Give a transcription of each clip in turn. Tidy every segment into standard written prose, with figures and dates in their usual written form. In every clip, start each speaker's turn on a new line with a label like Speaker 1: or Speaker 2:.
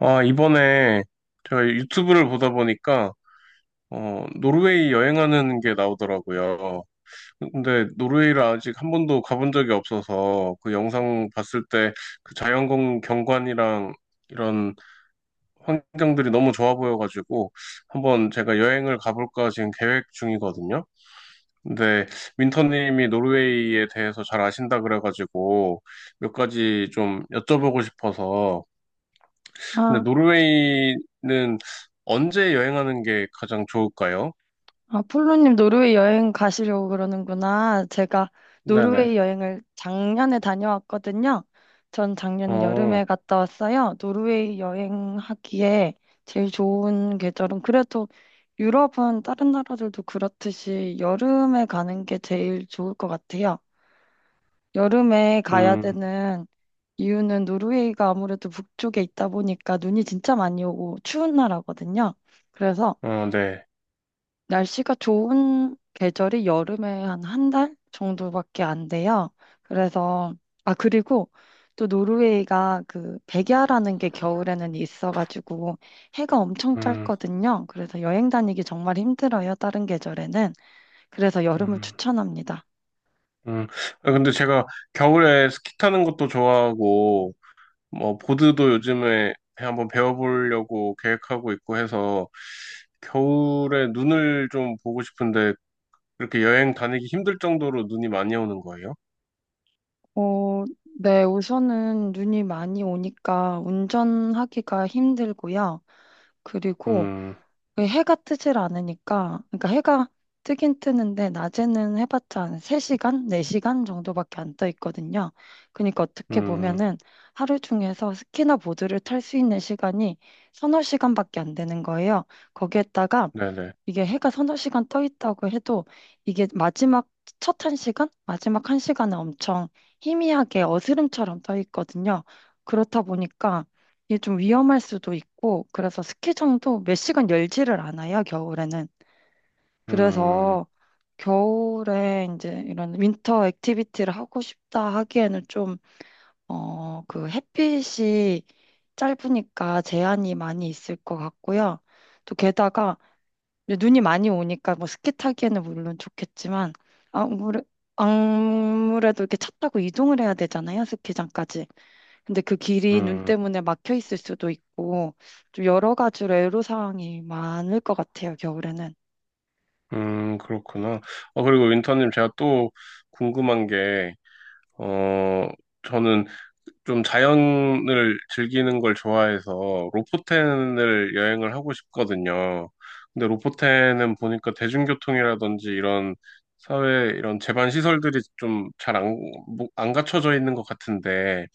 Speaker 1: 아, 이번에 제가 유튜브를 보다 보니까, 노르웨이 여행하는 게 나오더라고요. 근데 노르웨이를 아직 한 번도 가본 적이 없어서 그 영상 봤을 때 그 자연경 경관이랑 이런 환경들이 너무 좋아 보여가지고 한번 제가 여행을 가볼까 지금 계획 중이거든요. 근데 윈터님이 노르웨이에 대해서 잘 아신다 그래가지고 몇 가지 좀 여쭤보고 싶어서 근데
Speaker 2: 아,
Speaker 1: 노르웨이는 언제 여행하는 게 가장 좋을까요?
Speaker 2: 아, 폴로님 노르웨이 여행 가시려고 그러는구나. 제가
Speaker 1: 네네.
Speaker 2: 노르웨이 여행을 작년에 다녀왔거든요. 전 작년
Speaker 1: 어,
Speaker 2: 여름에 갔다 왔어요. 노르웨이 여행하기에 제일 좋은 계절은 그래도 유럽은 다른 나라들도 그렇듯이 여름에 가는 게 제일 좋을 것 같아요. 여름에 가야
Speaker 1: 음,
Speaker 2: 되는 이유는 노르웨이가 아무래도 북쪽에 있다 보니까 눈이 진짜 많이 오고 추운 나라거든요. 그래서
Speaker 1: 어, 네.
Speaker 2: 날씨가 좋은 계절이 여름에 한 한 달 정도밖에 안 돼요. 그래서, 아, 그리고 또 노르웨이가 그 백야라는 게 겨울에는 있어가지고 해가 엄청
Speaker 1: 음,
Speaker 2: 짧거든요. 그래서 여행 다니기 정말 힘들어요. 다른 계절에는. 그래서 여름을
Speaker 1: 음,
Speaker 2: 추천합니다.
Speaker 1: 음. 아, 근데 제가 겨울에 스키 타는 것도 좋아하고, 뭐, 보드도 요즘에 한번 배워보려고 계획하고 있고 해서, 겨울에 눈을 좀 보고 싶은데, 이렇게 여행 다니기 힘들 정도로 눈이 많이 오는 거예요?
Speaker 2: 어, 네, 우선은 눈이 많이 오니까 운전하기가 힘들고요. 그리고
Speaker 1: 음,
Speaker 2: 왜 해가 뜨질 않으니까, 그러니까 해가 뜨긴 뜨는데, 낮에는 해봤자 한 3시간, 4시간 정도밖에 안 떠 있거든요. 그러니까 어떻게
Speaker 1: 음,
Speaker 2: 보면은 하루 중에서 스키나 보드를 탈 수 있는 시간이 서너 시간밖에 안 되는 거예요. 거기에다가
Speaker 1: 네네.
Speaker 2: 이게 해가 서너 시간 떠 있다고 해도 이게 마지막 첫 한 시간? 마지막 한 시간은 엄청 희미하게 어스름처럼 떠 있거든요. 그렇다 보니까 이게 좀 위험할 수도 있고 그래서 스키장도 몇 시간 열지를 않아요, 겨울에는.
Speaker 1: 음,
Speaker 2: 그래서 겨울에 이제 이런 윈터 액티비티를 하고 싶다 하기에는 좀, 어, 그 햇빛이 짧으니까 제한이 많이 있을 것 같고요. 또 게다가 이제 눈이 많이 오니까 뭐 스키 타기에는 물론 좋겠지만 아무래, 아무래도 이렇게 차 타고 이동을 해야 되잖아요, 스키장까지. 근데 그 길이 눈
Speaker 1: 음.
Speaker 2: 때문에 막혀 있을 수도 있고 좀 여러 가지로 애로사항이 많을 것 같아요, 겨울에는.
Speaker 1: 그렇구나. 어, 그리고 윈터님, 제가 또 궁금한 게, 어, 저는 좀 자연을 즐기는 걸 좋아해서 로포텐을 여행을 하고 싶거든요. 근데 로포텐은 보니까 대중교통이라든지 이런 사회, 이런 제반 시설들이 좀 잘 안, 뭐, 안 갖춰져 있는 것 같은데,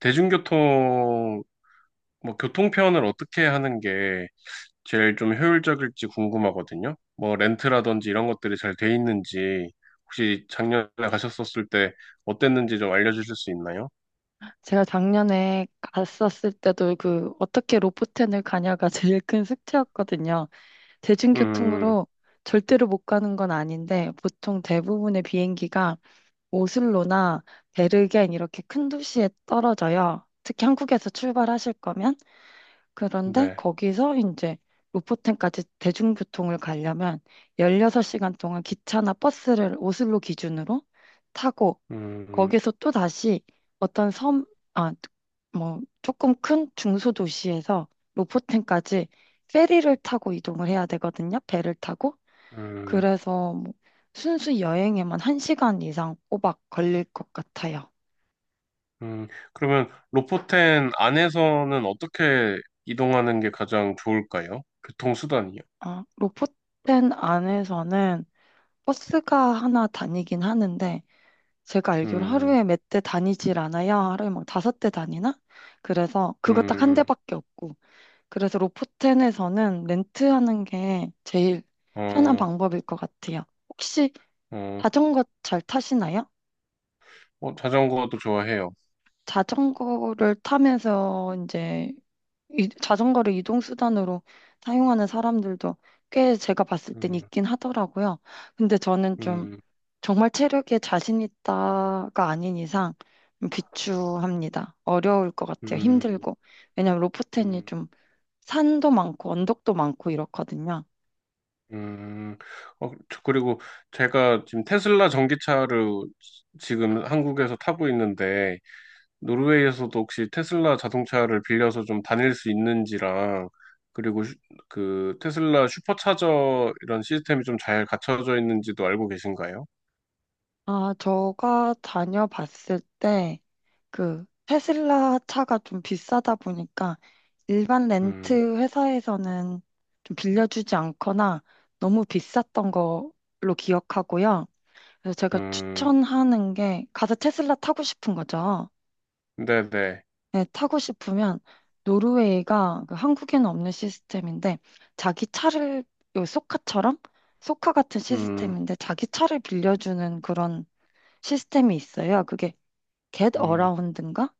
Speaker 1: 대중교통, 뭐, 교통편을 어떻게 하는 게 제일 좀 효율적일지 궁금하거든요. 뭐 렌트라든지 이런 것들이 잘 돼 있는지 혹시 작년에 가셨었을 때 어땠는지 좀 알려주실 수 있나요?
Speaker 2: 제가 작년에 갔었을 때도 그 어떻게 로포텐을 가냐가 제일 큰 숙제였거든요.
Speaker 1: 음,
Speaker 2: 대중교통으로 절대로 못 가는 건 아닌데 보통 대부분의 비행기가 오슬로나 베르겐 이렇게 큰 도시에 떨어져요. 특히 한국에서 출발하실 거면. 그런데
Speaker 1: 네.
Speaker 2: 거기서 이제 로포텐까지 대중교통을 가려면 16시간 동안 기차나 버스를 오슬로 기준으로 타고
Speaker 1: 음, 음,
Speaker 2: 거기서 또 다시 어떤 섬, 아, 뭐 조금 큰 중소도시에서 로포텐까지 페리를 타고 이동을 해야 되거든요. 배를 타고.
Speaker 1: 음.
Speaker 2: 그래서 뭐 순수 여행에만 1시간 이상 꼬박 걸릴 것 같아요.
Speaker 1: 음. 그러면 로포텐 안에서는 어떻게 이동하는 게 가장 좋을까요? 교통수단이요.
Speaker 2: 아, 로포텐 안에서는 버스가 하나 다니긴 하는데 제가 알기로
Speaker 1: 음,
Speaker 2: 하루에 몇 대 다니질 않아요. 하루에 막 다섯 대 다니나? 그래서
Speaker 1: 음,
Speaker 2: 그거 딱 한
Speaker 1: 음.
Speaker 2: 대밖에 없고 그래서 로포텐에서는 렌트하는 게 제일 편한
Speaker 1: 어,
Speaker 2: 방법일 것 같아요. 혹시
Speaker 1: 어,
Speaker 2: 자전거 잘 타시나요?
Speaker 1: 어, 자전거도 좋아해요.
Speaker 2: 자전거를 타면서 이제 자전거를 이동 수단으로 사용하는 사람들도 꽤 제가 봤을 땐
Speaker 1: 음,
Speaker 2: 있긴 하더라고요. 근데 저는 좀
Speaker 1: 음,
Speaker 2: 정말 체력에 자신 있다가 아닌 이상 좀 비추합니다. 어려울 것 같아요.
Speaker 1: 음,
Speaker 2: 힘들고. 왜냐면 로프텐이
Speaker 1: 음.
Speaker 2: 좀 산도 많고 언덕도 많고 이렇거든요.
Speaker 1: 음, 그리고 제가 지금 테슬라 전기차를 지금 한국에서 타고 있는데, 노르웨이에서도 혹시 테슬라 자동차를 빌려서 좀 다닐 수 있는지랑, 그리고 그 테슬라 슈퍼차저 이런 시스템이 좀 잘 갖춰져 있는지도 알고 계신가요?
Speaker 2: 아, 제가 다녀봤을 때 그 테슬라 차가 좀 비싸다 보니까 일반
Speaker 1: 음,
Speaker 2: 렌트 회사에서는 좀 빌려주지 않거나 너무 비쌌던 걸로 기억하고요. 그래서 제가
Speaker 1: 음,
Speaker 2: 추천하는 게 가서 테슬라 타고 싶은 거죠.
Speaker 1: 네네,
Speaker 2: 네, 타고 싶으면 노르웨이가 그 한국에는 없는 시스템인데 자기 차를 요 소카처럼 소카 같은
Speaker 1: 음,
Speaker 2: 시스템인데 자기 차를 빌려주는 그런 시스템이 있어요. 그게 겟
Speaker 1: 음,
Speaker 2: 어라운드인가?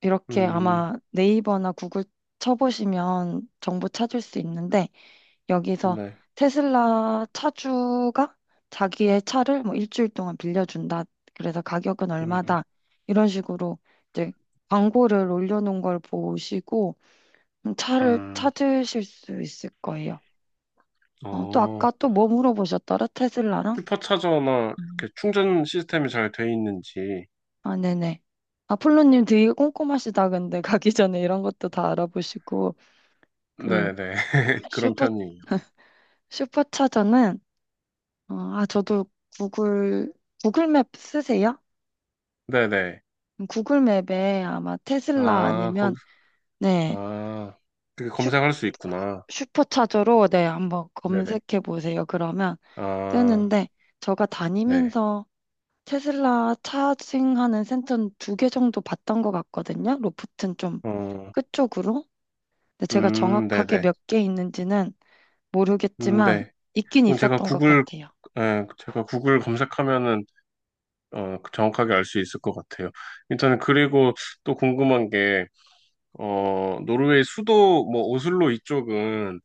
Speaker 2: 이렇게
Speaker 1: 음,
Speaker 2: 아마 네이버나 구글 쳐보시면 정보 찾을 수 있는데 여기서
Speaker 1: 네,
Speaker 2: 테슬라 차주가 자기의 차를 뭐 일주일 동안 빌려준다. 그래서 가격은
Speaker 1: 음,
Speaker 2: 얼마다. 이런 식으로 이제 광고를 올려놓은 걸 보시고 차를
Speaker 1: 음,
Speaker 2: 찾으실 수 있을 거예요. 어, 또
Speaker 1: 어,
Speaker 2: 아까 또 뭐 물어보셨더라? 테슬라랑?
Speaker 1: 슈퍼차저나
Speaker 2: 음.
Speaker 1: 이렇게 충전 시스템이 잘 돼 있는지,
Speaker 2: 아, 네네. 아, 폴로님 되게 꼼꼼하시다. 근데 가기 전에 이런 것도 다 알아보시고 그
Speaker 1: 네네. 그런
Speaker 2: 슈퍼
Speaker 1: 편이에요.
Speaker 2: 슈퍼차저는 어, 아 저도 구글 구글맵 쓰세요?
Speaker 1: 네네.
Speaker 2: 구글맵에 아마 테슬라
Speaker 1: 아, 거기,
Speaker 2: 아니면 네
Speaker 1: 아, 그게
Speaker 2: 슈,
Speaker 1: 검색할 수 있구나.
Speaker 2: 슈퍼차저로 네 한번
Speaker 1: 네네.
Speaker 2: 검색해 보세요. 그러면
Speaker 1: 아,
Speaker 2: 뜨는데 제가
Speaker 1: 네.
Speaker 2: 다니면서 테슬라 차징하는 센터는 두 개 정도 봤던 것 같거든요. 로프트는 좀
Speaker 1: 어,
Speaker 2: 끝쪽으로. 근데 제가 정확하게
Speaker 1: 네네.
Speaker 2: 몇 개 있는지는 모르겠지만
Speaker 1: 네.
Speaker 2: 있긴
Speaker 1: 그럼 제가
Speaker 2: 있었던 것 같아요.
Speaker 1: 구글 검색하면은, 정확하게 알 수 있을 것 같아요. 일단은, 그리고 또 궁금한 게, 노르웨이 수도 뭐 오슬로 이쪽은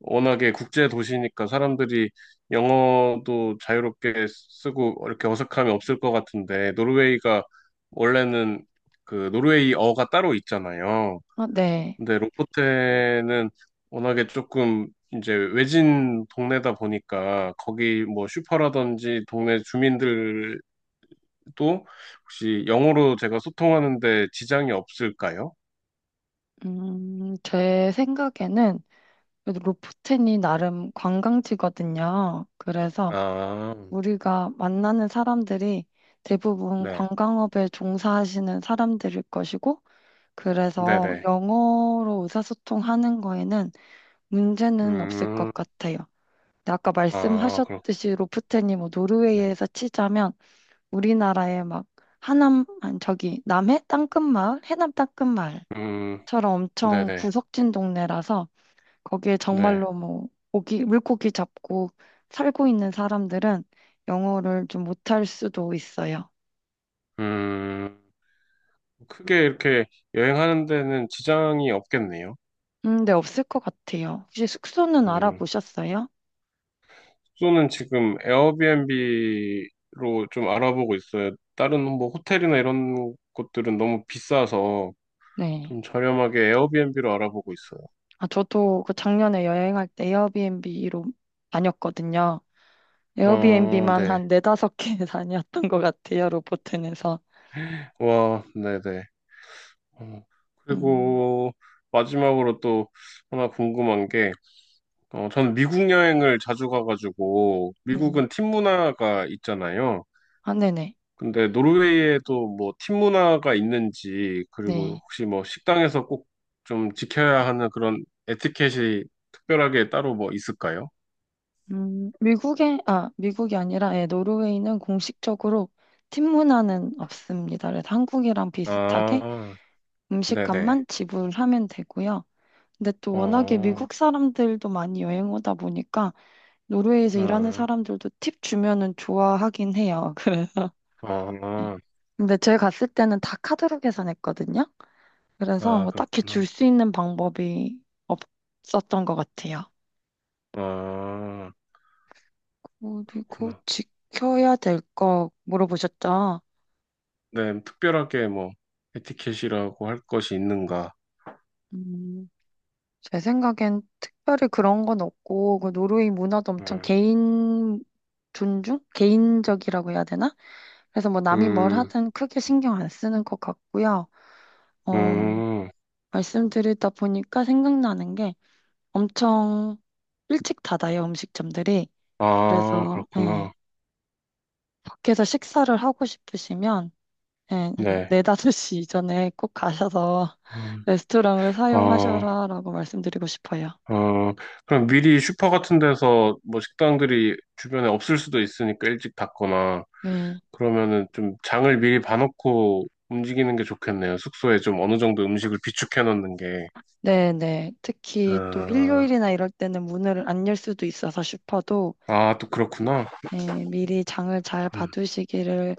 Speaker 1: 워낙에 국제 도시니까 사람들이 영어도 자유롭게 쓰고 이렇게 어색함이 없을 것 같은데 노르웨이가 원래는 그 노르웨이어가 따로 있잖아요.
Speaker 2: 아, 네.
Speaker 1: 근데 로포테는 워낙에 조금 이제 외진 동네다 보니까 거기 뭐 슈퍼라든지 동네 주민들도 혹시 영어로 제가 소통하는데 지장이 없을까요?
Speaker 2: 제 생각에는 그래도 로프텐이 나름 관광지거든요. 그래서
Speaker 1: 아,
Speaker 2: 우리가 만나는 사람들이 대부분
Speaker 1: 네.
Speaker 2: 관광업에 종사하시는 사람들일 것이고, 그래서
Speaker 1: 네네.
Speaker 2: 영어로 의사소통하는 거에는 문제는 없을 것
Speaker 1: 음,
Speaker 2: 같아요. 근데 아까
Speaker 1: 아, 그렇군요.
Speaker 2: 말씀하셨듯이 로프텐이 뭐 노르웨이에서 치자면 우리나라의 막 하남, 아니 저기 남해 땅끝마을, 해남 땅끝마을처럼
Speaker 1: 음,
Speaker 2: 엄청
Speaker 1: 네네.
Speaker 2: 구석진 동네라서 거기에
Speaker 1: 네.
Speaker 2: 정말로 뭐 고기, 물고기 잡고 살고 있는 사람들은 영어를 좀 못할 수도 있어요.
Speaker 1: 음, 크게 이렇게 여행하는 데는 지장이 없겠네요.
Speaker 2: 네, 없을 것 같아요. 혹시 숙소는
Speaker 1: 음,
Speaker 2: 알아보셨어요?
Speaker 1: 숙소는 지금 에어비앤비로 좀 알아보고 있어요. 다른 뭐 호텔이나 이런 곳들은 너무 비싸서
Speaker 2: 네.
Speaker 1: 좀 저렴하게 에어비앤비로 알아보고 있어요.
Speaker 2: 아, 저도 그 작년에 여행할 때 에어비앤비로 다녔거든요.
Speaker 1: 어,
Speaker 2: 에어비앤비만
Speaker 1: 네.
Speaker 2: 한 네다섯 개 다녔던 것 같아요, 로보튼에서.
Speaker 1: 와, 네네. 어,
Speaker 2: 음,
Speaker 1: 그리고 마지막으로 또 하나 궁금한 게 저는 미국 여행을 자주 가가지고,
Speaker 2: 네.
Speaker 1: 미국은 팀 문화가 있잖아요.
Speaker 2: 아, 네네.
Speaker 1: 근데 노르웨이에도 뭐 팀 문화가 있는지, 그리고
Speaker 2: 네.
Speaker 1: 혹시 뭐 식당에서 꼭 좀 지켜야 하는 그런 에티켓이 특별하게 따로 뭐 있을까요?
Speaker 2: 미국이 아니라, 예, 노르웨이는 공식적으로 팀 문화는 없습니다. 그래서 한국이랑 비슷하게
Speaker 1: 아, 네네.
Speaker 2: 음식값만 지불하면 되고요. 근데 또 워낙에
Speaker 1: 어,
Speaker 2: 미국 사람들도 많이 여행 오다 보니까 노르웨이에서 일하는
Speaker 1: 음,
Speaker 2: 사람들도 팁 주면은 좋아하긴 해요. 그래서.
Speaker 1: 아,
Speaker 2: 근데 제가 갔을 때는 다 카드로 계산했거든요. 그래서
Speaker 1: 아,
Speaker 2: 뭐 딱히 줄
Speaker 1: 그렇구나.
Speaker 2: 수 있는 방법이 없었던 것 같아요.
Speaker 1: 아,
Speaker 2: 그리고
Speaker 1: 그렇구나.
Speaker 2: 지켜야 될 거 물어보셨죠?
Speaker 1: 네, 특별하게 뭐 에티켓이라고 할 것이 있는가.
Speaker 2: 음, 제 생각엔 특별히 그런 건 없고, 그 노르웨이 문화도 엄청
Speaker 1: 음,
Speaker 2: 개인 존중? 개인적이라고 해야 되나? 그래서 뭐 남이 뭘
Speaker 1: 음,
Speaker 2: 하든 크게 신경 안 쓰는 것 같고요. 어,
Speaker 1: 음.
Speaker 2: 말씀 드리다 보니까 생각나는 게 엄청 일찍 닫아요, 음식점들이.
Speaker 1: 아,
Speaker 2: 그래서, 예,
Speaker 1: 그렇구나.
Speaker 2: 밖에서 식사를 하고 싶으시면, 예,
Speaker 1: 네.
Speaker 2: 네 4, 5시 이전에 꼭 가셔서
Speaker 1: 음,
Speaker 2: 레스토랑을
Speaker 1: 어,
Speaker 2: 사용하셔라라고 말씀드리고 싶어요.
Speaker 1: 어, 그럼 미리 슈퍼 같은 데서 뭐 식당들이 주변에 없을 수도 있으니까 일찍 닫거나
Speaker 2: 네.
Speaker 1: 그러면은 좀 장을 미리 봐놓고 움직이는 게 좋겠네요. 숙소에 좀 어느 정도 음식을 비축해 놓는 게.
Speaker 2: 네네. 특히 또
Speaker 1: 어,
Speaker 2: 일요일이나 이럴 때는 문을 안 열 수도 있어서 슈퍼도
Speaker 1: 아, 또 그렇구나.
Speaker 2: 예, 미리 장을 잘
Speaker 1: 음,
Speaker 2: 봐두시기를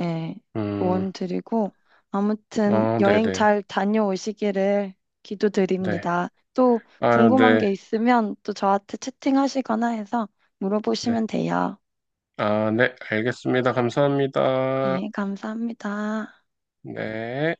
Speaker 2: 예,
Speaker 1: 음,
Speaker 2: 조언 드리고 아무튼
Speaker 1: 아, 네네.
Speaker 2: 여행
Speaker 1: 네.
Speaker 2: 잘 다녀오시기를
Speaker 1: 네.
Speaker 2: 기도드립니다. 또
Speaker 1: 아,
Speaker 2: 궁금한
Speaker 1: 네.
Speaker 2: 게 있으면 또 저한테 채팅하시거나 해서
Speaker 1: 네.
Speaker 2: 물어보시면 돼요.
Speaker 1: 아, 네. 알겠습니다. 감사합니다.
Speaker 2: 예, 감사합니다.
Speaker 1: 네.